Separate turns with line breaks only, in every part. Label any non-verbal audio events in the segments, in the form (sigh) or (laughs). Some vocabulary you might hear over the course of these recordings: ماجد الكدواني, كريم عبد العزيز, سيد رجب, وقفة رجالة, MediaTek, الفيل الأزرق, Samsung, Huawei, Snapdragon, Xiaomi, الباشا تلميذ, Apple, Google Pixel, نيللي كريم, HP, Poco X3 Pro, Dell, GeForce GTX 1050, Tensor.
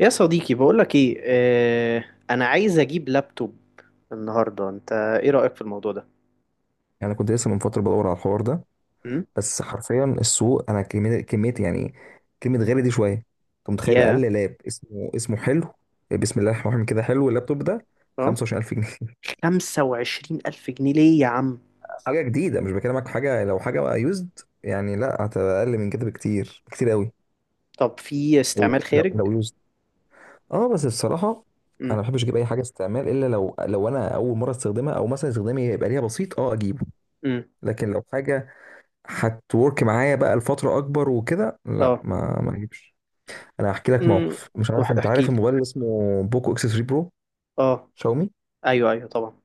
يا صديقي، بقولك ايه. انا عايز اجيب لابتوب النهارده. انت ايه رأيك في الموضوع ده؟
يعني انا كنت لسه من فتره بدور على الحوار ده.
امم.
بس حرفيا السوق انا كميه كميه، يعني كلمه غالي دي شويه. انت متخيل
يا.
اقل لاب اسمه حلو؟ بسم الله الرحمن الرحيم، كده حلو اللابتوب ده
اه.
25000 جنيه؟
25000 الف جنيه ليه يا عم؟
(laughs) حاجه جديده، مش بكلمك في حاجه لو حاجه بقى يوزد. يعني لا، هتبقى اقل من كده بكتير، كتير قوي.
طب في
لو
استعمال
لو
خارج؟
لو يوزد. اه بس بصراحه انا
امم.
ما بحبش اجيب اي حاجه استعمال، الا لو انا اول مره استخدمها، او مثلا استخدامي يبقى ليها بسيط اه اجيبه.
امم.
لكن لو حاجه هتورك معايا بقى لفترة أكبر وكده، لا
اه.
ما أجيبش. أنا هحكي لك
امم.
موقف. مش عارف أنت
احكي
عارف
لي.
الموبايل اللي اسمه بوكو إكس 3 برو؟
اه.
شاومي.
ايوه، ايوه، طبعا.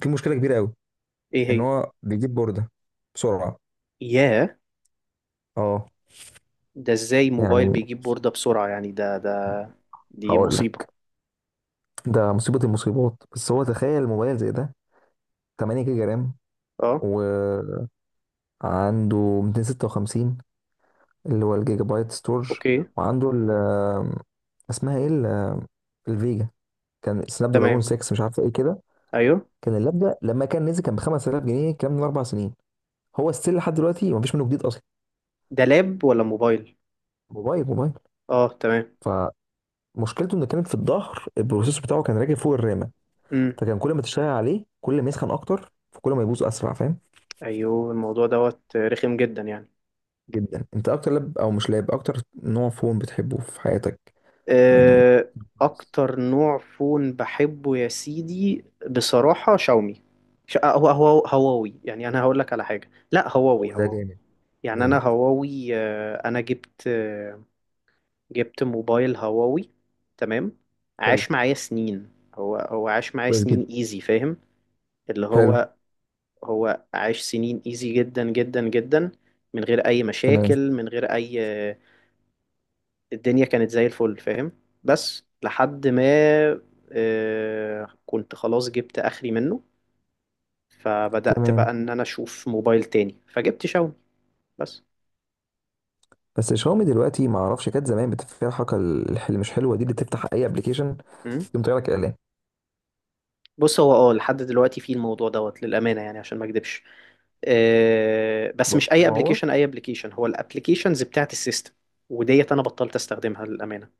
في مشكلة كبيرة أوي،
ايه
إن
هي؟
هو بيجيب بوردة بسرعة.
يا.
أه.
ده ازاي موبايل
يعني
بيجيب بوردة بسرعة؟ يعني ده دي
هقول
مصيبة.
لك، ده مصيبة المصيبات. بس هو تخيل موبايل زي ده 8 جيجا رام،
اه.
وعنده 256 اللي هو الجيجا بايت ستورج،
اوكي.
وعنده ال، اسمها ايه ال- الفيجا، كان سناب دراجون
تمام.
6 مش عارفه ايه كده.
ايوه.
كان اللاب ده لما كان نزل كان ب 5000 جنيه، الكلام ده من 4 سنين. هو ستيل لحد دلوقتي، مفيش منه جديد اصلا.
ده لاب ولا موبايل؟
موبايل موبايل.
اه، تمام.
فمشكلته انه كانت في الظهر البروسيسور بتاعه كان راكب فوق الرامه، فكان كل ما تشتغل عليه كل ما يسخن اكتر، فكل ما يبوظ اسرع، فاهم.
ايوه. الموضوع دوت رخم جدا يعني.
جدا. انت اكتر لاب، او مش لاب، اكتر نوع فون بتحبه في حياتك؟ يعني
آه،
كويس.
اكتر نوع فون بحبه يا سيدي، بصراحة، شاومي. هو هواوي. يعني انا هقول لك على حاجة. لا،
هو
هواوي
ده
هواوي.
جامد.
يعني انا
جامد.
هواوي. انا جبت موبايل هواوي. تمام.
حلو.
عاش معايا سنين. هو عاش معايا
كويس جدا.
سنين ايزي، فاهم؟ اللي
حلو.
هو عاش سنين ايزي، جدا جدا جدا، من غير اي
تمام.
مشاكل، من غير اي. الدنيا كانت زي الفل، فاهم؟ بس لحد ما كنت خلاص جبت اخري منه. فبدأت بقى
تمام.
ان انا اشوف موبايل تاني، فجبت شاومي. بس.
بس شاومي دلوقتي ما اعرفش، كانت زمان بتبقى فيها الحركه اللي مش حلوه دي، اللي تفتح اي ابلكيشن
مم.
يقوم طالع لك اعلان.
بص، هو لحد دلوقتي في الموضوع دوت، للأمانة يعني، عشان ما اكدبش. بس مش
برضه زي
اي
ما هو.
ابلكيشن، اي ابلكيشن. هو الابلكيشنز بتاعت السيستم وديت انا بطلت استخدمها، للامانه،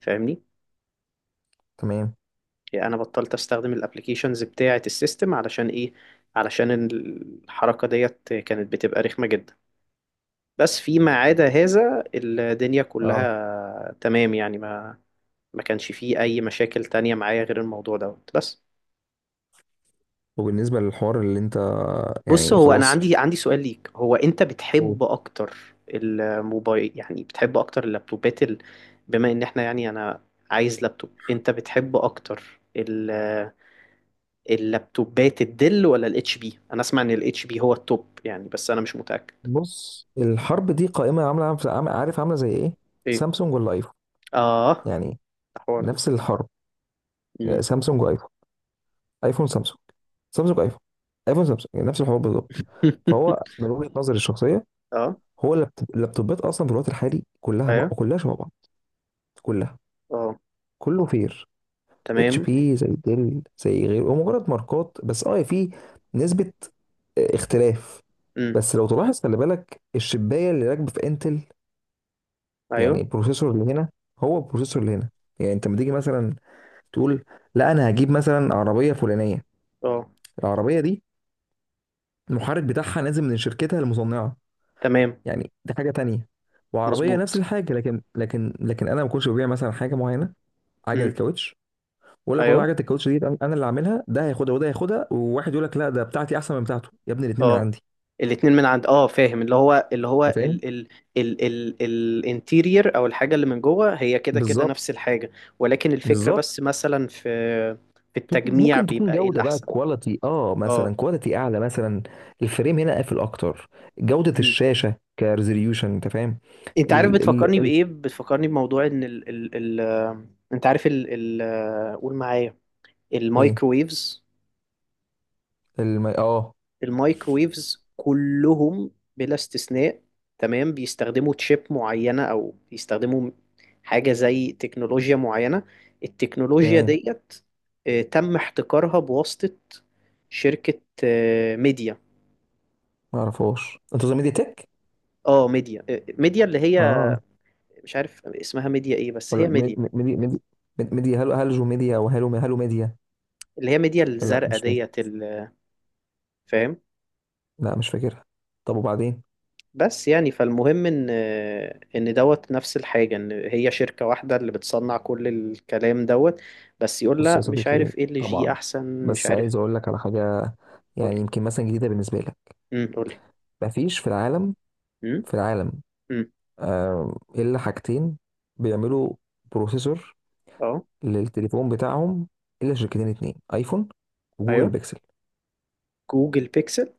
فاهمني؟
تمام.
يعني انا بطلت استخدم الابلكيشنز بتاعت السيستم علشان ايه؟ علشان الحركه ديت كانت بتبقى رخمه جدا. بس فيما عدا
مم.
هذا، الدنيا
اه.
كلها تمام يعني. ما كانش فيه أي مشاكل تانية معايا غير الموضوع دوت بس.
وبالنسبة للحوار اللي انت،
بص،
يعني
هو أنا
خلاص
عندي سؤال ليك. هو أنت
هو،
بتحب أكتر الموبايل؟ يعني بتحب أكتر اللابتوبات ال... بما إن إحنا، يعني، أنا عايز لابتوب، أنت بتحب أكتر ال... اللابتوبات الدل ولا الاتش بي؟ أنا أسمع إن الاتش بي هو التوب يعني، بس أنا مش متأكد.
بص الحرب دي قائمة عارف عاملة زي ايه؟
إيه؟
سامسونج ولا ايفون؟
آه.
يعني
الحوار ده.
نفس الحرب، يعني
مم.
سامسونج وايفون، ايفون سامسونج، سامسونج ايفون، ايفون سامسونج، يعني نفس الحوار بالظبط. فهو
(laughs)
من وجهة نظري الشخصية،
آه.
هو اللابتوبات اصلا في الوقت الحالي كلها، بقى
أيوه.
كلها شبه بعض. كلها.
آه.
كله فير. اتش
تمام.
بي زي ديل زي غيره، هو مجرد ماركات. بس اه في نسبة اختلاف.
امم.
بس لو تلاحظ، خلي بالك الشبايه اللي راكبه في انتل، يعني
ايوه.
البروسيسور اللي هنا هو البروسيسور اللي هنا. يعني انت لما تيجي مثلا تقول لا انا هجيب مثلا عربيه فلانيه،
اه،
العربيه دي المحرك بتاعها نازل من شركتها المصنعه،
تمام.
يعني دي حاجه تانية. وعربيه نفس
مظبوط.
الحاجه، لكن انا ما كنتش ببيع مثلا حاجه معينه، عجله
امم.
كاوتش، واقول لك والله
ايوه.
عجله الكاوتش دي أنا اللي عاملها، ده هياخدها وده هياخدها، وواحد يقول لك لا ده بتاعتي احسن من بتاعته، يا ابني الاثنين من
اه،
عندي.
الاتنين من عند، اه، فاهم. اللي هو، اللي
انت
هو،
فاهم؟
ال الانتيرير، او الحاجه اللي من جوه، هي كده كده
بالظبط.
نفس الحاجه. ولكن الفكره،
بالظبط.
بس مثلا، في التجميع
ممكن تكون
بيبقى ايه
جودة بقى،
الاحسن.
كواليتي اه
اه.
مثلا كواليتي اعلى مثلا، الفريم هنا قافل اكتر، جودة
امم.
الشاشة كريزوليوشن، انت فاهم.
انت عارف
ال
بتفكرني
ال ال
بايه؟ بتفكرني بموضوع ان ال ال ال انت عارف ال، ال، قول معايا،
ايه؟
المايكرويفز.
اه.
المايكرويفز كلهم بلا استثناء، تمام، بيستخدموا تشيب معينة، أو بيستخدموا حاجة زي تكنولوجيا معينة. التكنولوجيا
تمام.
ديت تم احتكارها بواسطة شركة ميديا.
ما اعرفهاش، انت قصدك ميديا تك؟
اه، ميديا ميديا اللي هي،
اه.
مش عارف اسمها ميديا ايه، بس
ولا
هي ميديا
ميديا هلو، ميديا، او هلو ميديا.
اللي هي ميديا
لا
الزرقاء
مش فاكر.
ديت، ال-، فاهم؟
لا مش فاكرها. طب وبعدين؟
بس يعني، فالمهم ان دوت نفس الحاجه، ان هي شركه واحده اللي بتصنع كل الكلام دوت. بس يقول
بص يا
لا مش
صديقي،
عارف ايه اللي جي
طبعا،
احسن، مش
بس
عارف.
عايز اقول لك على حاجة، يعني
قولي.
يمكن مثلا جديدة بالنسبة لك.
امم، قولي.
مفيش في العالم،
امم.
في العالم،
امم.
إلا حاجتين بيعملوا بروسيسور
اه.
للتليفون بتاعهم، إلا شركتين اتنين، أيفون وجوجل
ايوه.
بيكسل.
جوجل بيكسل.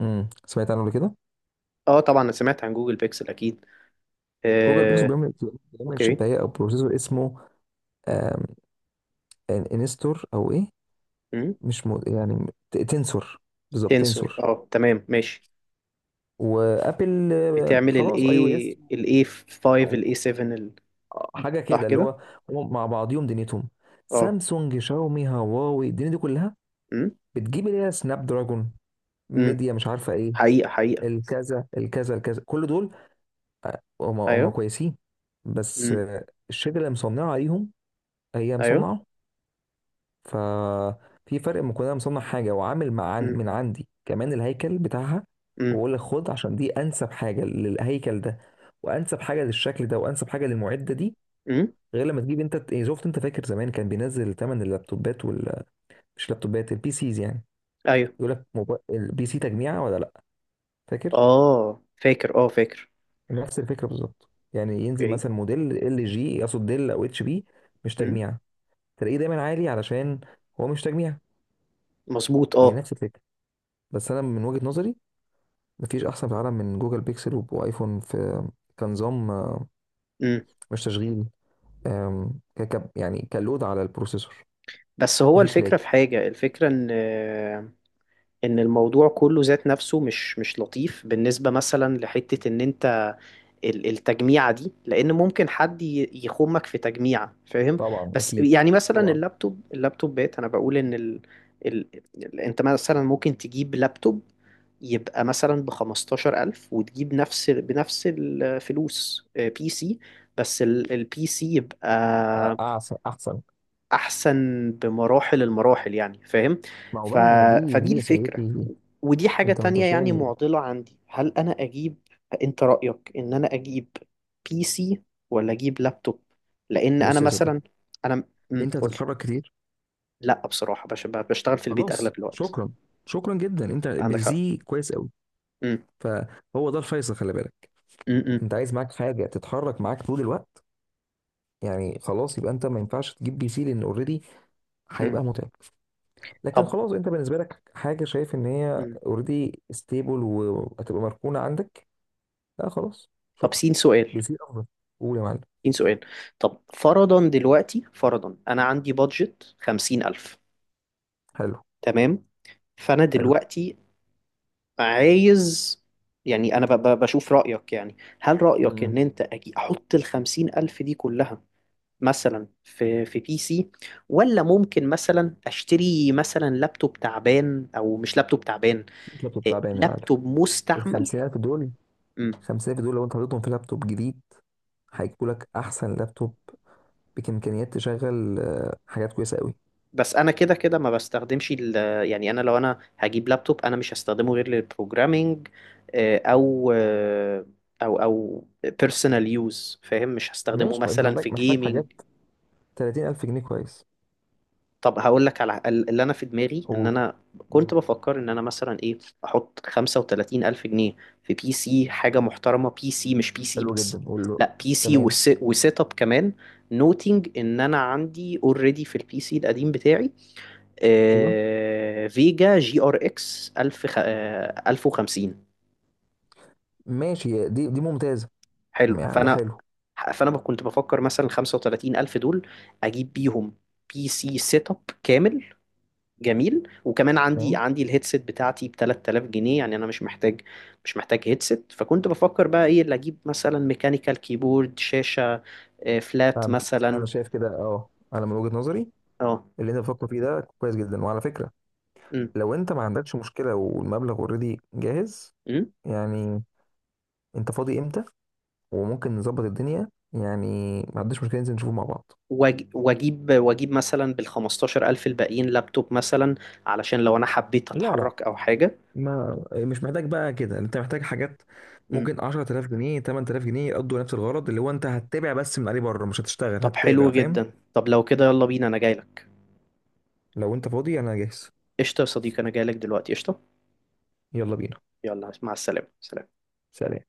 سمعت عنه قبل كده.
اه، طبعا انا سمعت عن جوجل بيكسل اكيد.
جوجل بيكسل
آه.
بيعمل، بيعمل
اوكي.
شباية أو بروسيسور اسمه، آم، انستور أو إيه،
امم.
مش مو، يعني تنسور. بالظبط
تنسور،
تنسور.
اه، تمام، ماشي.
وأبل
بتعمل
خلاص أي أو
الاي
إس
الاي 5،
أو
الاي 7، ال-،
حاجة
صح
كده، اللي
كده.
هو هم مع بعضيهم دنيتهم.
اه.
سامسونج، شاومي، هواوي، الدنيا دي كلها
امم.
بتجيب اللي هي سناب دراجون،
امم.
ميديا مش عارفة إيه،
حقيقه، حقيقه.
الكذا الكذا الكذا، كل دول هم هم
ايوه.
كويسين. بس
امم.
الشركه اللي مصنعه عليهم هي
ايوه.
مصنعه، ففي فرق ما كنا مصنع حاجه، وعامل مع
امم.
من عندي كمان الهيكل بتاعها،
إمم.
واقول لك خد، عشان دي انسب حاجه للهيكل ده، وانسب حاجه للشكل ده، وانسب حاجه للمعده دي.
امم.
غير لما تجيب انت إيه، شفت انت فاكر زمان كان بينزل ثمن اللابتوبات وال، مش لابتوبات، البي سيز يعني،
ايوه.
يقول لك البي سي تجميعه ولا لا، فاكر؟
اه، فاكر، اه، فاكر.
نفس الفكره بالظبط، يعني ينزل
اوكي.
مثلا موديل ال جي، يقصد ديل او اتش بي، مش
امم.
تجميع، تلاقيه دايما عالي علشان هو مش تجميع.
مظبوط،
هي
اه.
نفس الفكره. بس انا من وجهه نظري، مفيش احسن في العالم من جوجل بيكسل وايفون في، كنظام
امم.
مش تشغيل، يعني كلود على البروسيسور،
بس هو
مفيش لاج.
الفكره في حاجه، الفكره ان الموضوع كله ذات نفسه مش لطيف بالنسبة، مثلا، لحتة ان انت ال- التجميعة دي، لان ممكن حد ي- يخمك في تجميعة، فاهم؟
طبعا
بس
اكيد.
يعني مثلا
طبعا
اللابتوب، اللابتوبات، انا بقول ان ال... ال... ال- انت مثلا ممكن تجيب لابتوب يبقى مثلا بخمستاشر ألف، وتجيب نفس بنفس الفلوس بي سي، بس البي سي يبقى
احسن. احسن.
احسن بمراحل، المراحل يعني، فاهم.
ما هو،
ف...
بقى دي
فدي
دي يا
الفكرة.
صديقي،
ودي حاجة
انت ما
تانية
انتش
يعني،
فاهم.
معضلة عندي، هل انا اجيب؟ انت رأيك ان انا اجيب بي سي ولا اجيب لابتوب؟ لان انا
بص يا صديقي،
مثلا انا... امم،
انت
قولي.
هتتحرك كتير؟
لا، بصراحة، بشتغل في البيت
خلاص
اغلب الوقت.
شكرا. شكرا جدا، انت
عندك حق.
بزي كويس قوي.
امم.
فهو ده الفيصل، خلي بالك.
امم.
انت عايز معاك حاجه تتحرك معاك طول الوقت، يعني خلاص يبقى انت ما ينفعش تجيب PC، لان اوريدي
امم.
هيبقى متعب. لكن
طب.
خلاص انت بالنسبه لك حاجه شايف ان هي
امم.
اوريدي ستيبل، وهتبقى مركونه عندك. لا خلاص
طب،
شكرا.
سين
بي
سؤال،
سي افضل. قول يا معلم.
سين سؤال. طب فرضا دلوقتي، فرضا انا عندي بادجت خمسين الف.
حلو.
تمام. فانا
حلو.
دلوقتي عايز، يعني انا بشوف رأيك. يعني هل رأيك ان
امم
انت أجي احط الخمسين الف دي كلها مثلا في بي سي، ولا ممكن مثلا اشتري مثلا لابتوب تعبان، او مش لابتوب تعبان،
لابتوب
إيه،
تعبان يا معلم.
لابتوب
ال
مستعمل.
50000 دول،
مم.
50000 دول لو انت حطيتهم في لابتوب جديد هيجيبوا لك احسن لابتوب، بامكانيات تشغل حاجات كويسه قوي.
بس انا كده كده ما بستخدمش ال-. يعني انا لو انا هجيب لابتوب، انا مش هستخدمه غير للبروجرامينج آه، او آه، او بيرسونال يوز، فاهم. مش هستخدمه
ماشي. طب انت
مثلا
محتاج،
في جيمنج.
حاجات 30 ألف جنيه، كويس.
طب هقول لك على ال- اللي انا في دماغي، ان
قول.
انا
مم.
كنت بفكر ان انا مثلا ايه، احط 35 الف جنيه في بي سي حاجه محترمه. بي سي مش بي سي
حلو جدا،
بس،
قول له.
لا بي سي
تمام.
وسيت اب كمان. نوتنج ان انا عندي اوريدي في البي سي القديم بتاعي
أيوه.
آه فيجا جي ار اكس 1000، خ-، 1050.
ماشي دي ممتازة.
حلو.
يعني ده
فانا
حلو.
فانا كنت بفكر مثلا 35 الف دول، اجيب بيهم بي سي سيت اب كامل. جميل. وكمان عندي
تمام.
عندي الهيدسيت بتاعتي ب 3000 جنيه، يعني انا مش محتاج هيدسيت. فكنت بفكر بقى ايه اللي اجيب، مثلا ميكانيكال كيبورد، شاشة فلات
فهمتك،
مثلا.
أنا شايف كده أه، أنا من وجهة نظري
اه.
اللي أنت بتفكر فيه ده كويس جدا، وعلى فكرة
امم.
لو أنت ما عندكش مشكلة والمبلغ أوريدي جاهز،
امم.
يعني أنت فاضي إمتى؟ وممكن نظبط الدنيا، يعني ما عنديش مشكلة ننزل نشوفه مع بعض.
واجيب مثلا بال 15000 الباقيين لابتوب، مثلا علشان لو انا حبيت
لا، لا.
اتحرك او حاجة.
ما مش محتاج بقى كده، انت محتاج حاجات
امم.
ممكن 10000 جنيه 8000 جنيه يقضوا نفس الغرض، اللي هو انت هتتابع بس من عليه بره، مش هتشتغل
طب حلو
هتتابع، فاهم.
جدا. طب لو كده يلا بينا، انا جاي لك.
لو انت فاضي انا جاهز.
قشطة يا صديقي، انا جاي لك دلوقتي. قشطة.
يلا بينا.
يلا، مع السلامة. سلام.
سلام.